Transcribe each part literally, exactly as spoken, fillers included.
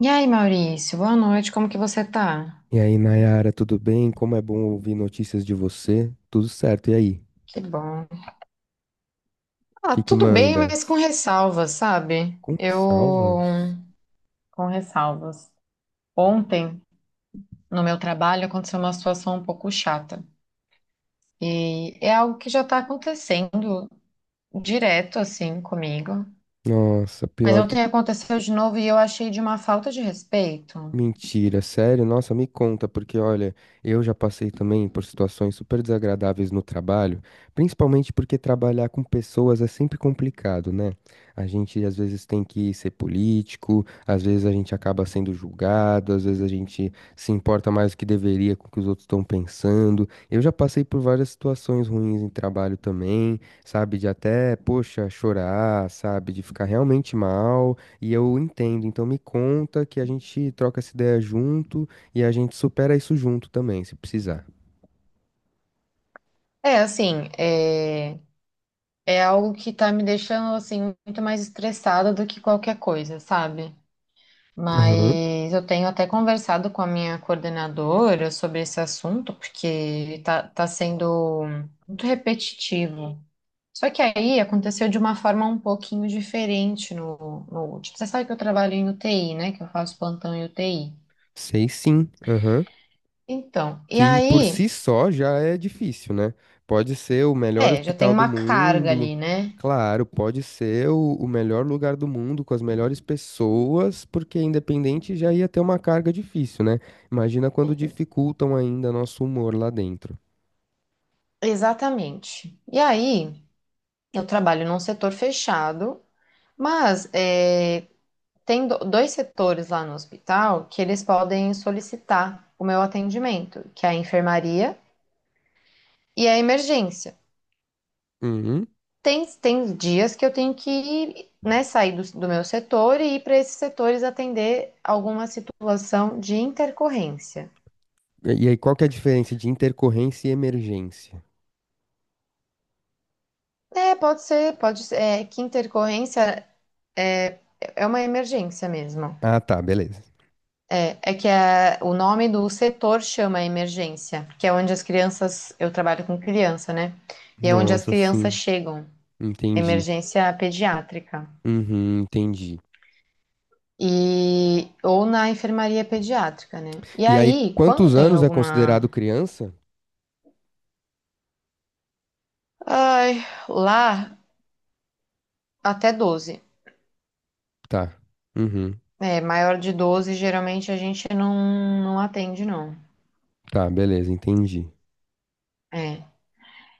E aí, Maurício, boa noite, como que você tá? E aí, Nayara, tudo bem? Como é bom ouvir notícias de você? Tudo certo, e aí? Que bom. O Ah, que que tudo bem, mas com mandas? ressalvas, sabe? Com Eu. ressalvas? Com ressalvas. Ontem, no meu trabalho, aconteceu uma situação um pouco chata. E é algo que já tá acontecendo direto, assim, comigo. Nossa, Mas pior que ontem aconteceu de novo e eu achei de uma falta de respeito. Mentira, sério? Nossa, me conta, porque olha, eu já passei também por situações super desagradáveis no trabalho, principalmente porque trabalhar com pessoas é sempre complicado, né? A gente às vezes tem que ser político, às vezes a gente acaba sendo julgado, às vezes a gente se importa mais do que deveria com o que os outros estão pensando. Eu já passei por várias situações ruins em trabalho também, sabe? De até, poxa, chorar, sabe? De ficar realmente mal. E eu entendo, então me conta que a gente troca essa ideia junto e a gente supera isso junto também, se precisar. É, assim, é, é algo que tá me deixando, assim, muito mais estressada do que qualquer coisa, sabe? Aham. Mas eu tenho até conversado com a minha coordenadora sobre esse assunto, porque tá, tá sendo muito repetitivo. Só que aí aconteceu de uma forma um pouquinho diferente no, no último. Você sabe que eu trabalho em U T I, né? Que eu faço plantão em U T I. Sei sim, aham. Então, e Que por si aí, só já é difícil, né? Pode ser o melhor é, já tem hospital do uma carga mundo, ali, né? claro, pode ser o, o melhor lugar do mundo com as melhores pessoas, porque independente já ia ter uma carga difícil, né? Imagina quando dificultam ainda nosso humor lá dentro. Exatamente. E aí, eu trabalho num setor fechado, mas é, Tem do- dois setores lá no hospital que eles podem solicitar o meu atendimento, que é a enfermaria e a emergência. Uhum. Tem, tem dias que eu tenho que, né, sair do, do meu setor e ir para esses setores atender alguma situação de intercorrência. E e aí, qual que é a diferença de intercorrência e emergência? É, pode ser, pode ser, é, que intercorrência é, é uma emergência mesmo. Ah, tá, beleza. É, é que a- o nome do setor chama emergência, que é onde as crianças, eu trabalho com criança, né? E é onde as Nossa, crianças sim, chegam, entendi. emergência pediátrica. Uhum, entendi. E, ou na enfermaria pediátrica, né? E E aí, aí, quando quantos tem anos é alguma. considerado criança? Ai, lá, até doze. Tá. Uhum, É, maior de doze geralmente a gente não, não atende, não. tá, beleza, entendi. É.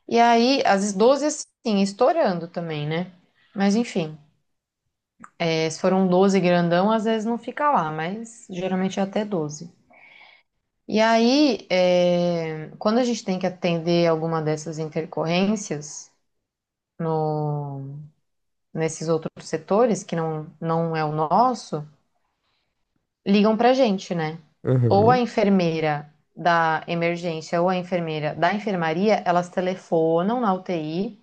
E aí, às vezes doze, assim, estourando também, né? Mas enfim. É, se for um doze grandão, às vezes não fica lá, mas geralmente é até doze. E aí, é, quando a gente tem que atender alguma dessas intercorrências no, nesses outros setores, que não, não é o nosso, ligam pra gente, né? Ou a Uhum, enfermeira da emergência ou a enfermeira da enfermaria, elas telefonam na U T I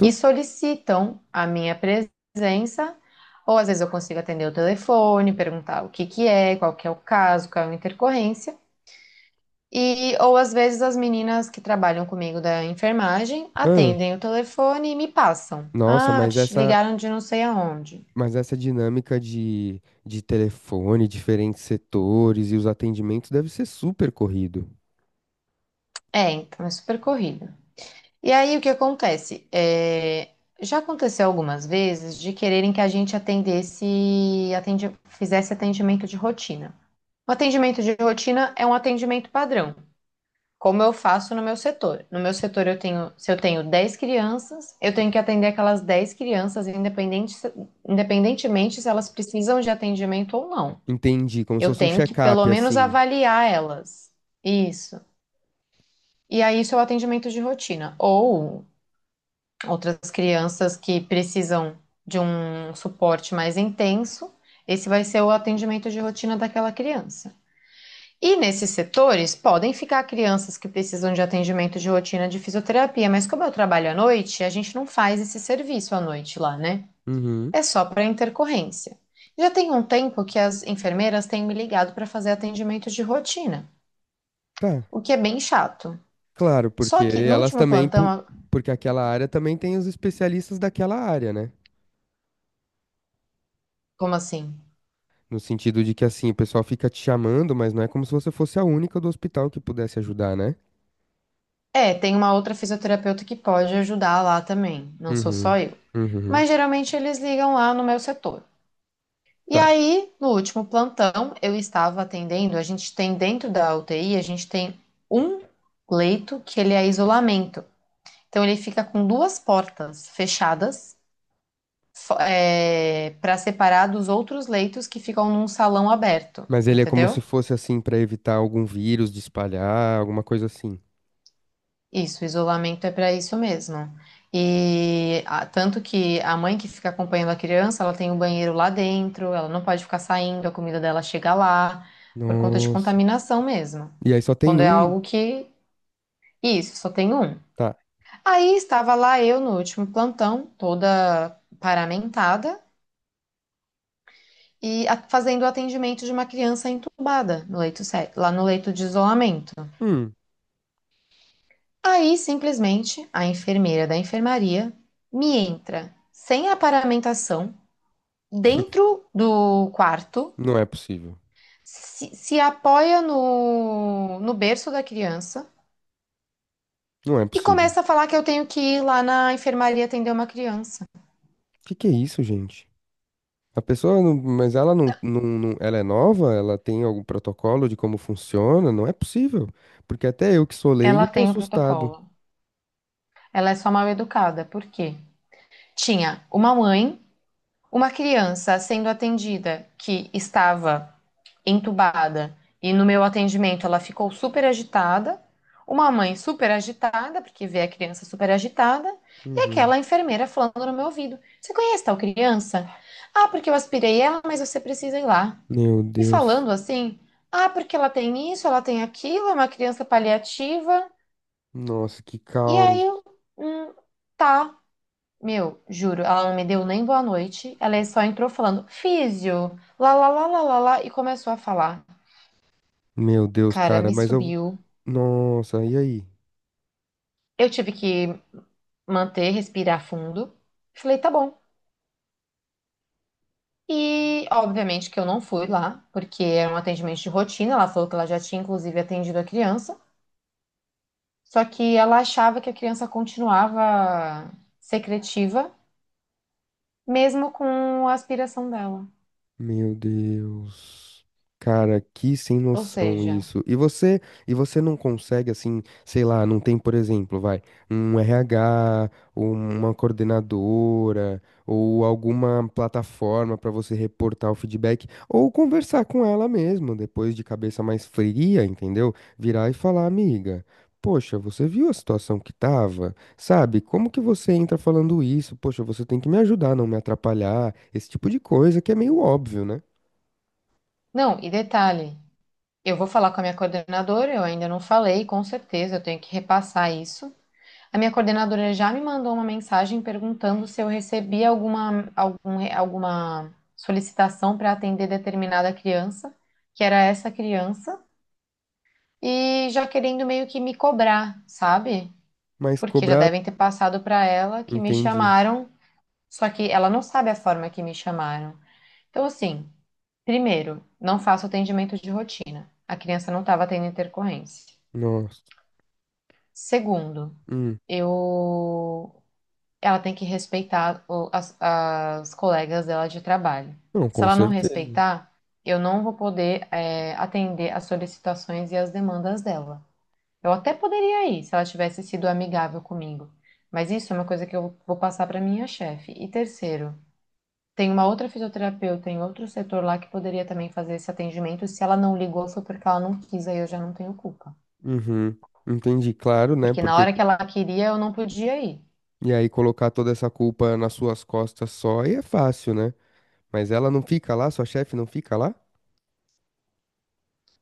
e solicitam a minha presença, ou às vezes eu consigo atender o telefone, perguntar o que que é, qual que é o caso, qual é a intercorrência, e ou às vezes as meninas que trabalham comigo da enfermagem Ah, atendem o telefone e me passam. nossa, Ah, mas te essa, ligaram de não sei aonde. mas essa dinâmica de, de telefone, diferentes setores e os atendimentos deve ser super corrido. É, então é super corrido. E aí o que acontece? É, já aconteceu algumas vezes de quererem que a gente atendesse, atende- fizesse atendimento de rotina. O atendimento de rotina é um atendimento padrão, como eu faço no meu setor. No meu setor eu tenho, se eu tenho dez crianças, eu tenho que atender aquelas dez crianças, independente, se- independentemente se elas precisam de atendimento ou não. Entendi, como se Eu fosse um tenho que pelo check-up, menos assim. avaliar elas. Isso. E aí, isso é o atendimento de rotina. Ou outras crianças que precisam de um suporte mais intenso, esse vai ser o atendimento de rotina daquela criança. E nesses setores podem ficar crianças que precisam de atendimento de rotina de fisioterapia, mas como eu trabalho à noite, a gente não faz esse serviço à noite lá, né? Uhum, É só para intercorrência. Já tem um tempo que as enfermeiras têm me ligado para fazer atendimento de rotina, tá. o que é bem chato. Claro, Só porque que no elas último também, po- plantão, porque aquela área também tem os especialistas daquela área, né? como assim? No sentido de que, assim, o pessoal fica te chamando, mas não é como se você fosse a única do hospital que pudesse ajudar, né? É, tem uma outra fisioterapeuta que pode ajudar lá também, não sou Uhum, só eu. uhum, Mas geralmente eles ligam lá no meu setor. E tá. aí, no último plantão, eu estava atendendo, a gente tem dentro da U T I, a gente tem um leito que ele é isolamento. Então ele fica com duas portas fechadas para separar dos outros leitos que ficam num salão aberto, Mas ele é como se entendeu? fosse, assim, pra evitar algum vírus de espalhar, alguma coisa assim. Isso, isolamento é para isso mesmo. E a- tanto que a mãe que fica acompanhando a criança, ela tem o banheiro lá dentro, ela não pode ficar saindo, a comida dela chega lá, por conta de Nossa. contaminação mesmo. E aí só tem Quando é um? algo que. Isso, só tem um. Tá. Aí estava lá eu no último plantão, toda paramentada, e a- fazendo o atendimento de uma criança entubada no leito, sé- lá no leito de isolamento. Hum. Aí, simplesmente, a enfermeira da enfermaria me entra sem aparamentação dentro do quarto, Não é possível. se, se apoia no, no berço da criança Não é e possível. começa a falar que eu tenho que ir lá na enfermaria atender uma criança. Que que é isso, gente? A pessoa, não- mas ela não, não, não- ela é nova? Ela tem algum protocolo de como funciona? Não é possível. Porque até eu que sou Ela leigo tô tem o assustado. protocolo. Ela é só mal educada, por quê? Tinha uma mãe, uma criança sendo atendida que estava entubada e no meu atendimento ela ficou super agitada, uma mãe super agitada, porque vê a criança super agitada, e Uhum. aquela enfermeira falando no meu ouvido: Você conhece tal criança? Ah, porque eu aspirei ela, mas você precisa ir lá. Meu E Deus. falando assim: Ah, porque ela tem isso, ela tem aquilo, é uma criança paliativa. Nossa, que E caos. aí, hum, tá. Meu, juro, ela não me deu nem boa noite. Ela só entrou falando físio, lá, lá, lá, lá, lá, lá, e começou a falar. Meu Deus, Cara, cara, me mas eu. subiu. Nossa, e aí? Eu tive que manter, respirar fundo. Falei, tá bom. E, obviamente, que eu não fui lá, porque era um atendimento de rotina. Ela falou que ela já tinha, inclusive, atendido a criança. Só que ela achava que a criança continuava secretiva, mesmo com a aspiração dela. Meu Deus. Cara, que sem Ou noção seja, isso. E você, e você não consegue assim, sei lá, não tem, por exemplo, vai, um R H, ou uma coordenadora, ou alguma plataforma pra você reportar o feedback, ou conversar com ela mesmo, depois de cabeça mais fria, entendeu? Virar e falar, amiga, poxa, você viu a situação que tava? Sabe, como que você entra falando isso? Poxa, você tem que me ajudar, não me atrapalhar. Esse tipo de coisa que é meio óbvio, né? não, e detalhe, eu vou falar com a minha coordenadora, eu ainda não falei, com certeza, eu tenho que repassar isso. A minha coordenadora já me mandou uma mensagem perguntando se eu recebi alguma, algum re- alguma solicitação para atender determinada criança, que era essa criança, e já querendo meio que me cobrar, sabe? Mas Porque já cobrar, devem ter passado para ela que me entendi. chamaram, só que ela não sabe a forma que me chamaram. Então, assim, primeiro, não faço atendimento de rotina. A criança não estava tendo intercorrência. Nossa. Segundo, Hum. eu ela tem que respeitar o- as, as colegas dela de trabalho. Não, Se com ela não certeza. respeitar, eu não vou poder, é, atender as solicitações e as demandas dela. Eu até poderia ir, se ela tivesse sido amigável comigo. Mas isso é uma coisa que eu vou passar para minha chefe. E terceiro, tem uma outra fisioterapeuta em outro setor lá que poderia também fazer esse atendimento. Se ela não ligou, foi porque ela não quis, aí eu já não tenho culpa. Uhum. Entendi, claro, né? Porque na Porque hora que ela queria, eu não podia ir. e aí colocar toda essa culpa nas suas costas só aí é fácil, né? Mas ela não fica lá, sua chefe não fica lá?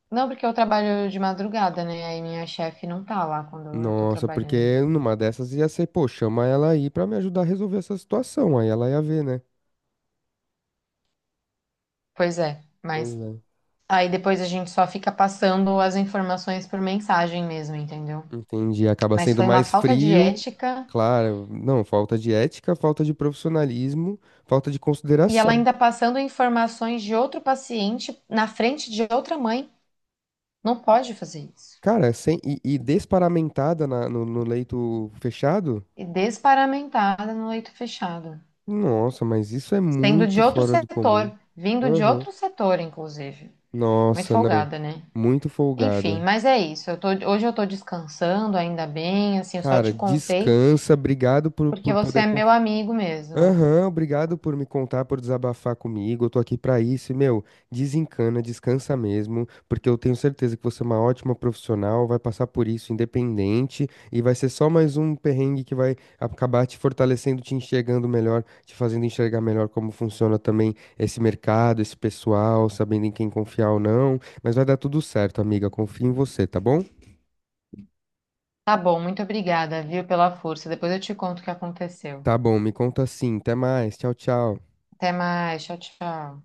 Não, porque eu trabalho de madrugada, né? Aí minha chefe não tá lá quando eu tô Nossa, trabalhando. porque numa dessas ia ser, pô, chama ela aí pra me ajudar a resolver essa situação. Aí ela ia ver, né? Pois é, Pois mas é. aí depois a gente só fica passando as informações por mensagem mesmo, entendeu? Entendi, acaba Mas sendo foi uma mais falta de frio, ética claro, não, falta de ética, falta de profissionalismo, falta de e ela consideração. ainda passando informações de outro paciente na frente de outra mãe. Não pode fazer isso. Cara, sem, e, e desparamentada na- no, no leito fechado? E desparamentada no leito fechado. Nossa, mas isso é Sendo de muito outro fora do comum. setor, vindo de Aham. outro setor, inclusive. Muito Nossa, não, folgada, né? muito Enfim, folgada. mas é isso. Eu tô- hoje eu tô descansando, ainda bem, assim, eu só Cara, te contei descansa, obrigado por, porque por você poder é meu amigo mesmo. Aham, obrigado por me contar, por desabafar comigo. Eu tô aqui pra isso e, meu, desencana, descansa mesmo, porque eu tenho certeza que você é uma ótima profissional, vai passar por isso independente e vai ser só mais um perrengue que vai acabar te fortalecendo, te enxergando melhor, te fazendo enxergar melhor como funciona também esse mercado, esse pessoal, sabendo em quem confiar ou não. Mas vai dar tudo certo, amiga, confio em você, tá bom? Tá bom, muito obrigada, viu, pela força. Depois eu te conto o que aconteceu. Tá bom, me conta assim. Até mais. Tchau, tchau. Até mais, tchau, tchau.